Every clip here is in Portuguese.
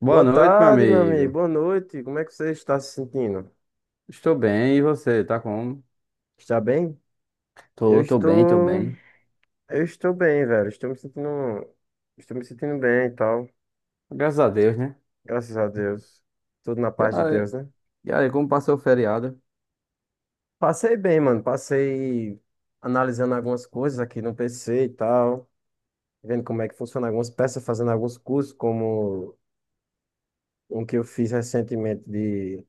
Boa Boa noite, meu tarde, meu amigo. amigo. Boa noite. Como é que você está se sentindo? Estou bem, e você? Tá como? Está bem? Eu Tô bem, tô estou, bem. eu estou bem, velho. Estou me sentindo bem e tal. Graças a Deus, né? Graças a Deus. Tudo na E paz de aí, Deus, né? e aí, como passou o feriado? Passei bem, mano. Passei analisando algumas coisas aqui no PC e tal, vendo como é que funciona algumas peças, fazendo alguns cursos, como um que eu fiz recentemente de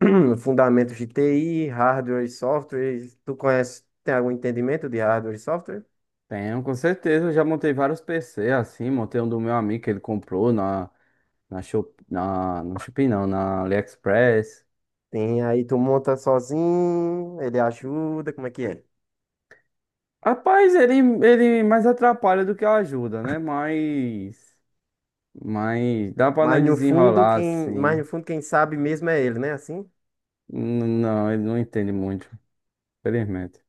fundamentos de TI, hardware e software. Tu conhece, tem algum entendimento de hardware e software? Tenho, com certeza. Eu já montei vários PC assim. Montei um do meu amigo que ele comprou Shop, no Shopee, não, na AliExpress. Tem, aí tu monta sozinho, ele ajuda, como é que é? Rapaz, ele mais atrapalha do que ajuda, né? Mas dá pra Mas nós no fundo, desenrolar quem, mas assim. no fundo, quem sabe mesmo é ele, né? Assim? Não, ele não entende muito, infelizmente.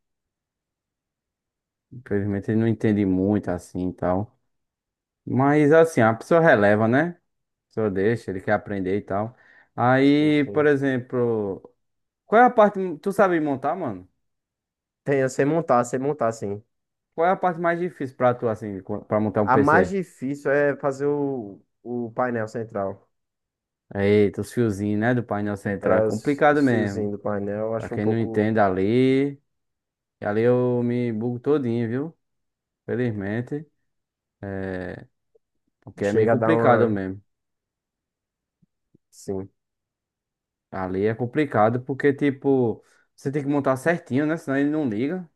Infelizmente, ele não entende muito assim e tal. Mas assim, a pessoa releva, né? A pessoa deixa, ele quer aprender e tal. Sim, Aí, por sim. exemplo, qual é a parte. Tu sabe montar, mano? Tem, eu sei montar, sim. Qual é a parte mais difícil pra tu, assim, pra montar um A mais PC? difícil é fazer o painel central. Eita, os fiozinhos, né? Do painel central. É É, os, complicado os mesmo. fiozinhos do painel, eu Pra acho um quem não pouco. entende ali. E ali eu me bugo todinho, viu? Felizmente. Porque é meio Chega a dar complicado uma. mesmo. Sim. Ali é complicado porque, tipo, você tem que montar certinho, né? Senão ele não liga.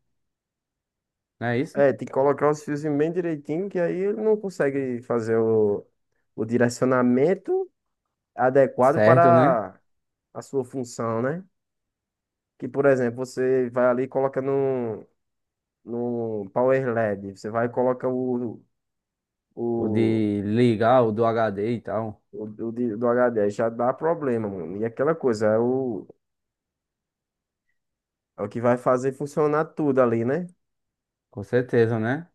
Não é isso? É, tem que colocar os fiozinhos bem direitinho, que aí ele não consegue fazer o direcionamento adequado Certo, né? para a sua função, né? Que, por exemplo, você vai ali e coloca no Power LED, você vai e coloca O o, de ligar o do HD e tal. o do HD, aí já dá problema, mano. E aquela coisa, é o que vai fazer funcionar tudo ali, né? Com certeza, né?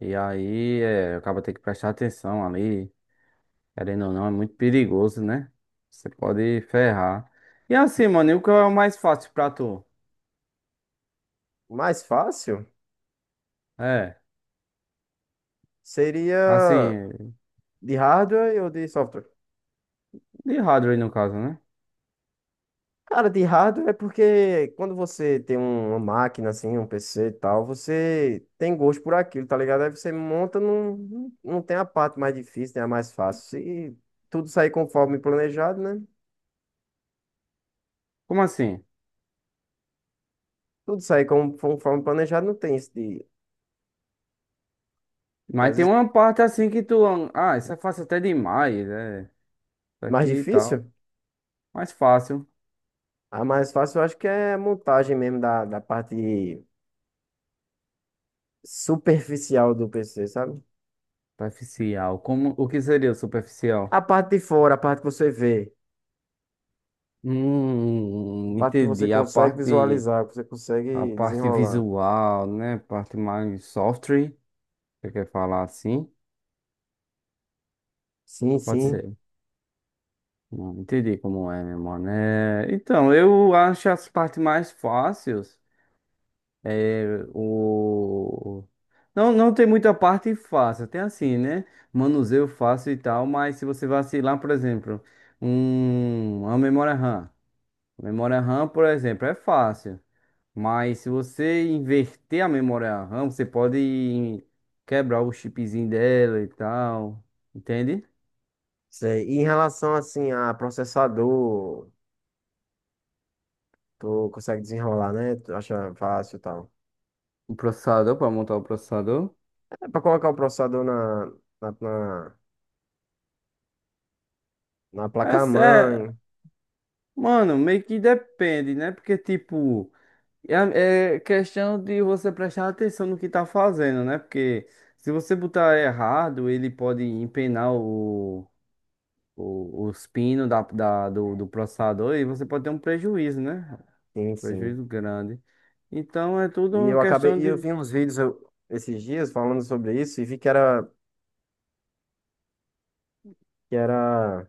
E aí, acaba ter que prestar atenção ali. Querendo ou não, é muito perigoso, né? Você pode ferrar. E assim, mano, e o que é o mais fácil pra tu? O mais fácil É, seria assim, de hardware ou de software? de hardware no caso, né? Cara, de hardware é porque quando você tem uma máquina assim, um PC e tal, você tem gosto por aquilo, tá ligado? Aí você monta, não tem a parte mais difícil, tem a mais fácil. Se tudo sair conforme planejado, né? Como assim? Tudo sair conforme planejado, não tem isso de, que Mas às tem vezes, uma parte assim que tu. Ah, isso é fácil até demais, é. Isso mais aqui e tal. difícil. Mais fácil. A mais fácil eu acho que é a montagem mesmo da, da parte superficial do PC, sabe? Superficial. Como, o que seria o A superficial? parte de fora, a parte que você vê, a parte que você Entendi. A consegue parte. visualizar, que você A consegue parte desenrolar. visual, né? Parte mais software, você quer falar assim? Sim, Pode sim. ser. Não entendi como é, meu mano. É, então, eu acho as partes mais fáceis. É, o... Não, não tem muita parte fácil. Tem assim, né? Manuseio fácil e tal, mas se você vacilar, por exemplo, uma memória RAM. Memória RAM, por exemplo, é fácil. Mas se você inverter a memória RAM, você pode quebrar o chipzinho dela e tal. Entende? Sei. E em relação assim a processador, tu consegue desenrolar, né? Tu acha fácil e tal. O processador, para montar o processador. É pra colocar o processador na, na, na Mas é, placa-mãe. mano, meio que depende, né? Porque, tipo, é questão de você prestar atenção no que tá fazendo, né? Porque se você botar errado, ele pode empenar os pinos do processador e você pode ter um prejuízo, né? Sim, sim. Prejuízo grande. Então é tudo E uma eu acabei, questão e eu de. vi uns vídeos esses dias falando sobre isso e vi que era,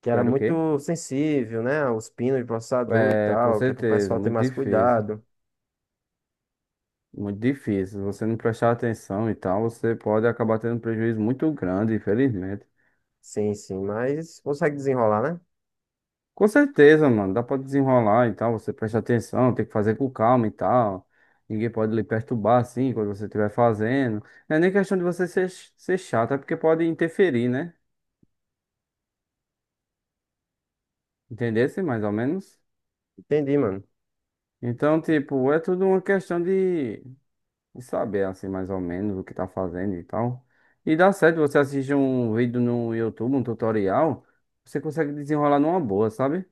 que era Quero o quê? muito sensível, né? Os pinos de processador e É, com tal, que é pro certeza, pessoal ter muito mais difícil. cuidado. Muito difícil. Se você não prestar atenção e tal, você pode acabar tendo um prejuízo muito grande, infelizmente. Sim, sim, mas consegue desenrolar, né? Com certeza, mano. Dá pra desenrolar e tal. Você presta atenção, tem que fazer com calma e tal. Ninguém pode lhe perturbar assim quando você estiver fazendo. Não é nem questão de você ser chato, é porque pode interferir, né? Entendesse mais ou menos? Entendi, mano. Então, tipo, é tudo uma questão de. E saber assim mais ou menos o que tá fazendo e tal. E dá certo, você assiste um vídeo no YouTube, um tutorial, você consegue desenrolar numa boa, sabe?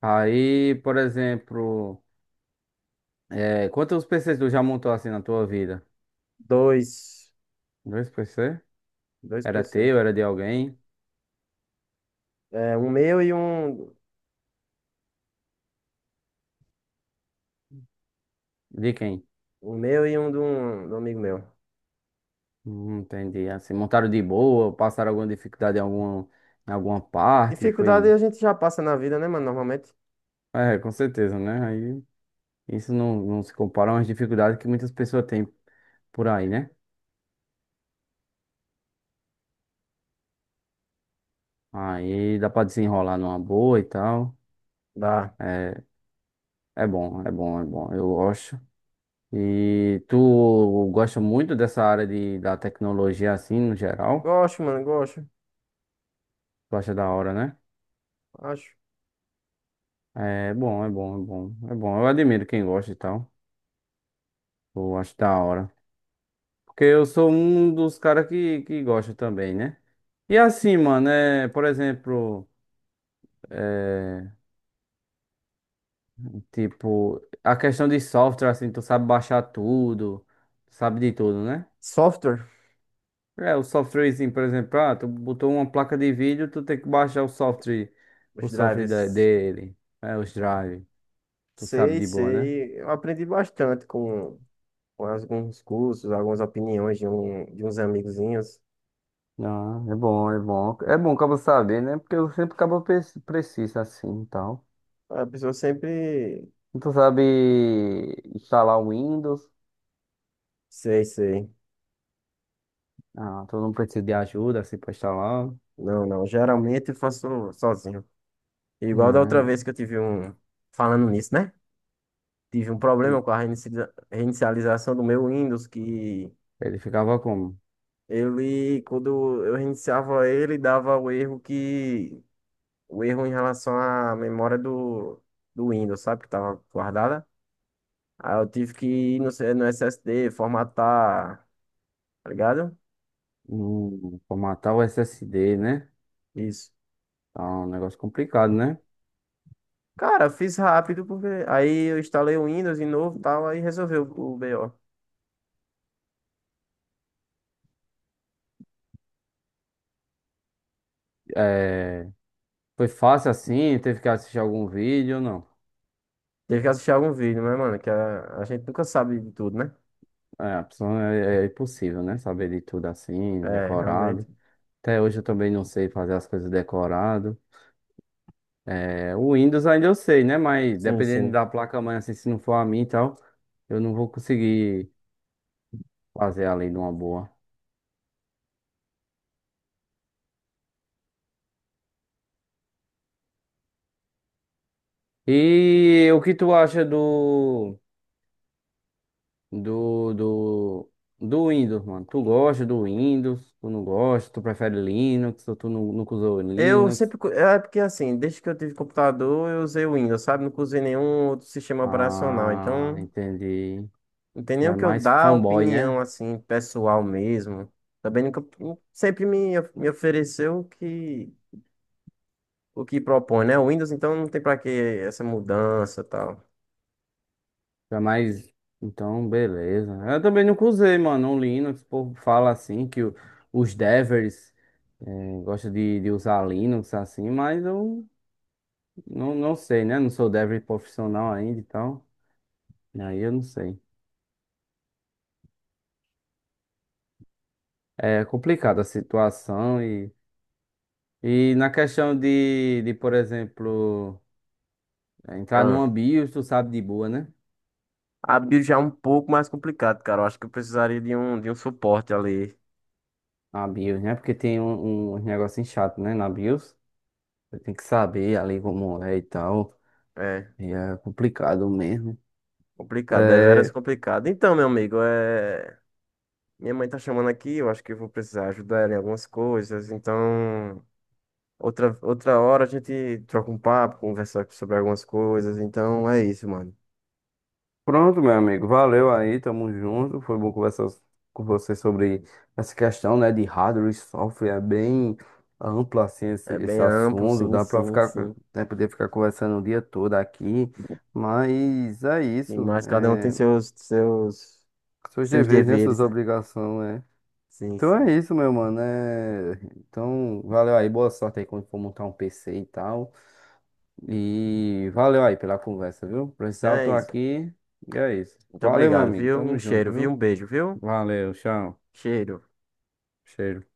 Aí, por exemplo, quantos PCs tu já montou assim na tua vida? Dois, Dois PC? dois Era PC. teu, era de alguém? É, um meu e um. De quem? O meu e um de um amigo meu. Entendi. Assim, montaram de boa, passaram alguma dificuldade em alguma parte, Dificuldade foi... a gente já passa na vida, né, mano? Normalmente. É, com certeza, né? Aí isso não, não se compara às dificuldades que muitas pessoas têm por aí, né? Aí dá pra desenrolar numa boa e tal. Dá. É, é bom. Eu gosto. E tu gosta muito dessa área de, da tecnologia assim, no geral? Gosto, mano, gosto. Tu acha da hora, né? Acho. É bom. Eu admiro quem gosta e tal. Eu acho da hora. Porque eu sou um dos caras que gosta também, né? E assim, mano, por exemplo, é, tipo, a questão de software, assim, tu sabe baixar tudo, sabe de tudo, né? Software, É, o softwarezinho, por exemplo, ah, tu botou uma placa de vídeo, tu tem que baixar o os software drivers. dele, é, os drive, tu sabe Sei, de boa, né? sei. Eu aprendi bastante com alguns cursos, algumas opiniões de, um, de uns amigozinhos. Ah, é bom. É bom acaba saber, né? Porque eu sempre acabo precisa assim e tal. A pessoa sempre. E tu sabe instalar o Windows? Sei, sei. Ah, tu não precisa de ajuda assim pra instalar, Não, não. Geralmente eu faço sozinho. Igual da outra né? vez que eu tive um. Falando nisso, né? Tive um problema com a reinicialização do meu Windows que. Ele ficava como? Ele, quando eu reiniciava ele, dava o erro que. O erro em relação à memória do Windows, sabe? Que tava guardada. Aí eu tive que ir no, no SSD, formatar, tá ligado? Formatar o SSD, né? Isso. Tá um negócio complicado, né? Cara, fiz rápido, porque. Aí eu instalei o Windows de novo e tal, aí resolveu o BO. É, foi fácil assim? Teve que assistir algum vídeo ou não? Teve que assistir algum vídeo, mas, mano, que a gente nunca sabe de tudo, né? É, a pessoa é, é impossível, né? Saber de tudo assim, É, realmente. decorado. Até hoje eu também não sei fazer as coisas decorado. É, o Windows ainda eu sei, né? Mas Sim, dependendo sim. da placa-mãe, assim, se não for a minha e tal, eu não vou conseguir fazer além de uma boa. E o que tu acha do, do, do Windows, mano? Tu gosta do Windows? Tu não gosta? Tu prefere Linux? Ou tu nunca usou Linux? É porque assim, desde que eu tive computador, eu usei o Windows, sabe? Nunca usei nenhum outro sistema operacional. Ah, Então, entendi. não tem Tu nem o é que eu mais dar fanboy, opinião, né? assim, pessoal mesmo. Também nunca. Me ofereceu o que propõe, né? O Windows, então não tem pra que essa mudança e tal. Tu é mais. Então, beleza. Eu também nunca usei, mano, o Linux. O povo fala assim que os devers gostam de usar Linux assim, mas eu não, não sei, né? Não sou dev profissional ainda então aí eu não sei. É complicada a situação e na questão de, por exemplo, entrar Ah. numa BIOS, tu sabe de boa, né? A build já é um pouco mais complicado, cara. Eu acho que eu precisaria de um suporte ali. A BIOS, né? Porque tem um, um negócio chato, né? Na BIOS. Você tem que saber ali como é e tal. É. E é complicado mesmo. Complicado, deveras É, complicado. Então, meu amigo, é... minha mãe tá chamando aqui, eu acho que eu vou precisar ajudar ela em algumas coisas. Então, outra hora a gente troca um papo, conversa sobre algumas coisas. Então, é isso, mano. pronto, meu amigo. Valeu aí, tamo junto. Foi bom conversar com você sobre essa questão, né, de hardware e software. É bem amplo assim esse, É bem esse amplo, assunto. sim, Dá pra sim, ficar, sim. né, poder ficar conversando o dia todo aqui. Mas é Sim, isso. mas cada um tem É, seus seus deveres, né, suas deveres, né? obrigações, né? Sim, Então é sim. isso, meu mano. É, então, valeu aí. Boa sorte aí quando for montar um PC e tal. E valeu aí pela conversa, viu? Então Precisar, eu tô é isso. aqui. E é isso. Muito Valeu, meu obrigado, amigo. viu? Um Tamo junto, cheiro, viu? Um viu? beijo, viu? Valeu, tchau. Cheiro. Cheiro.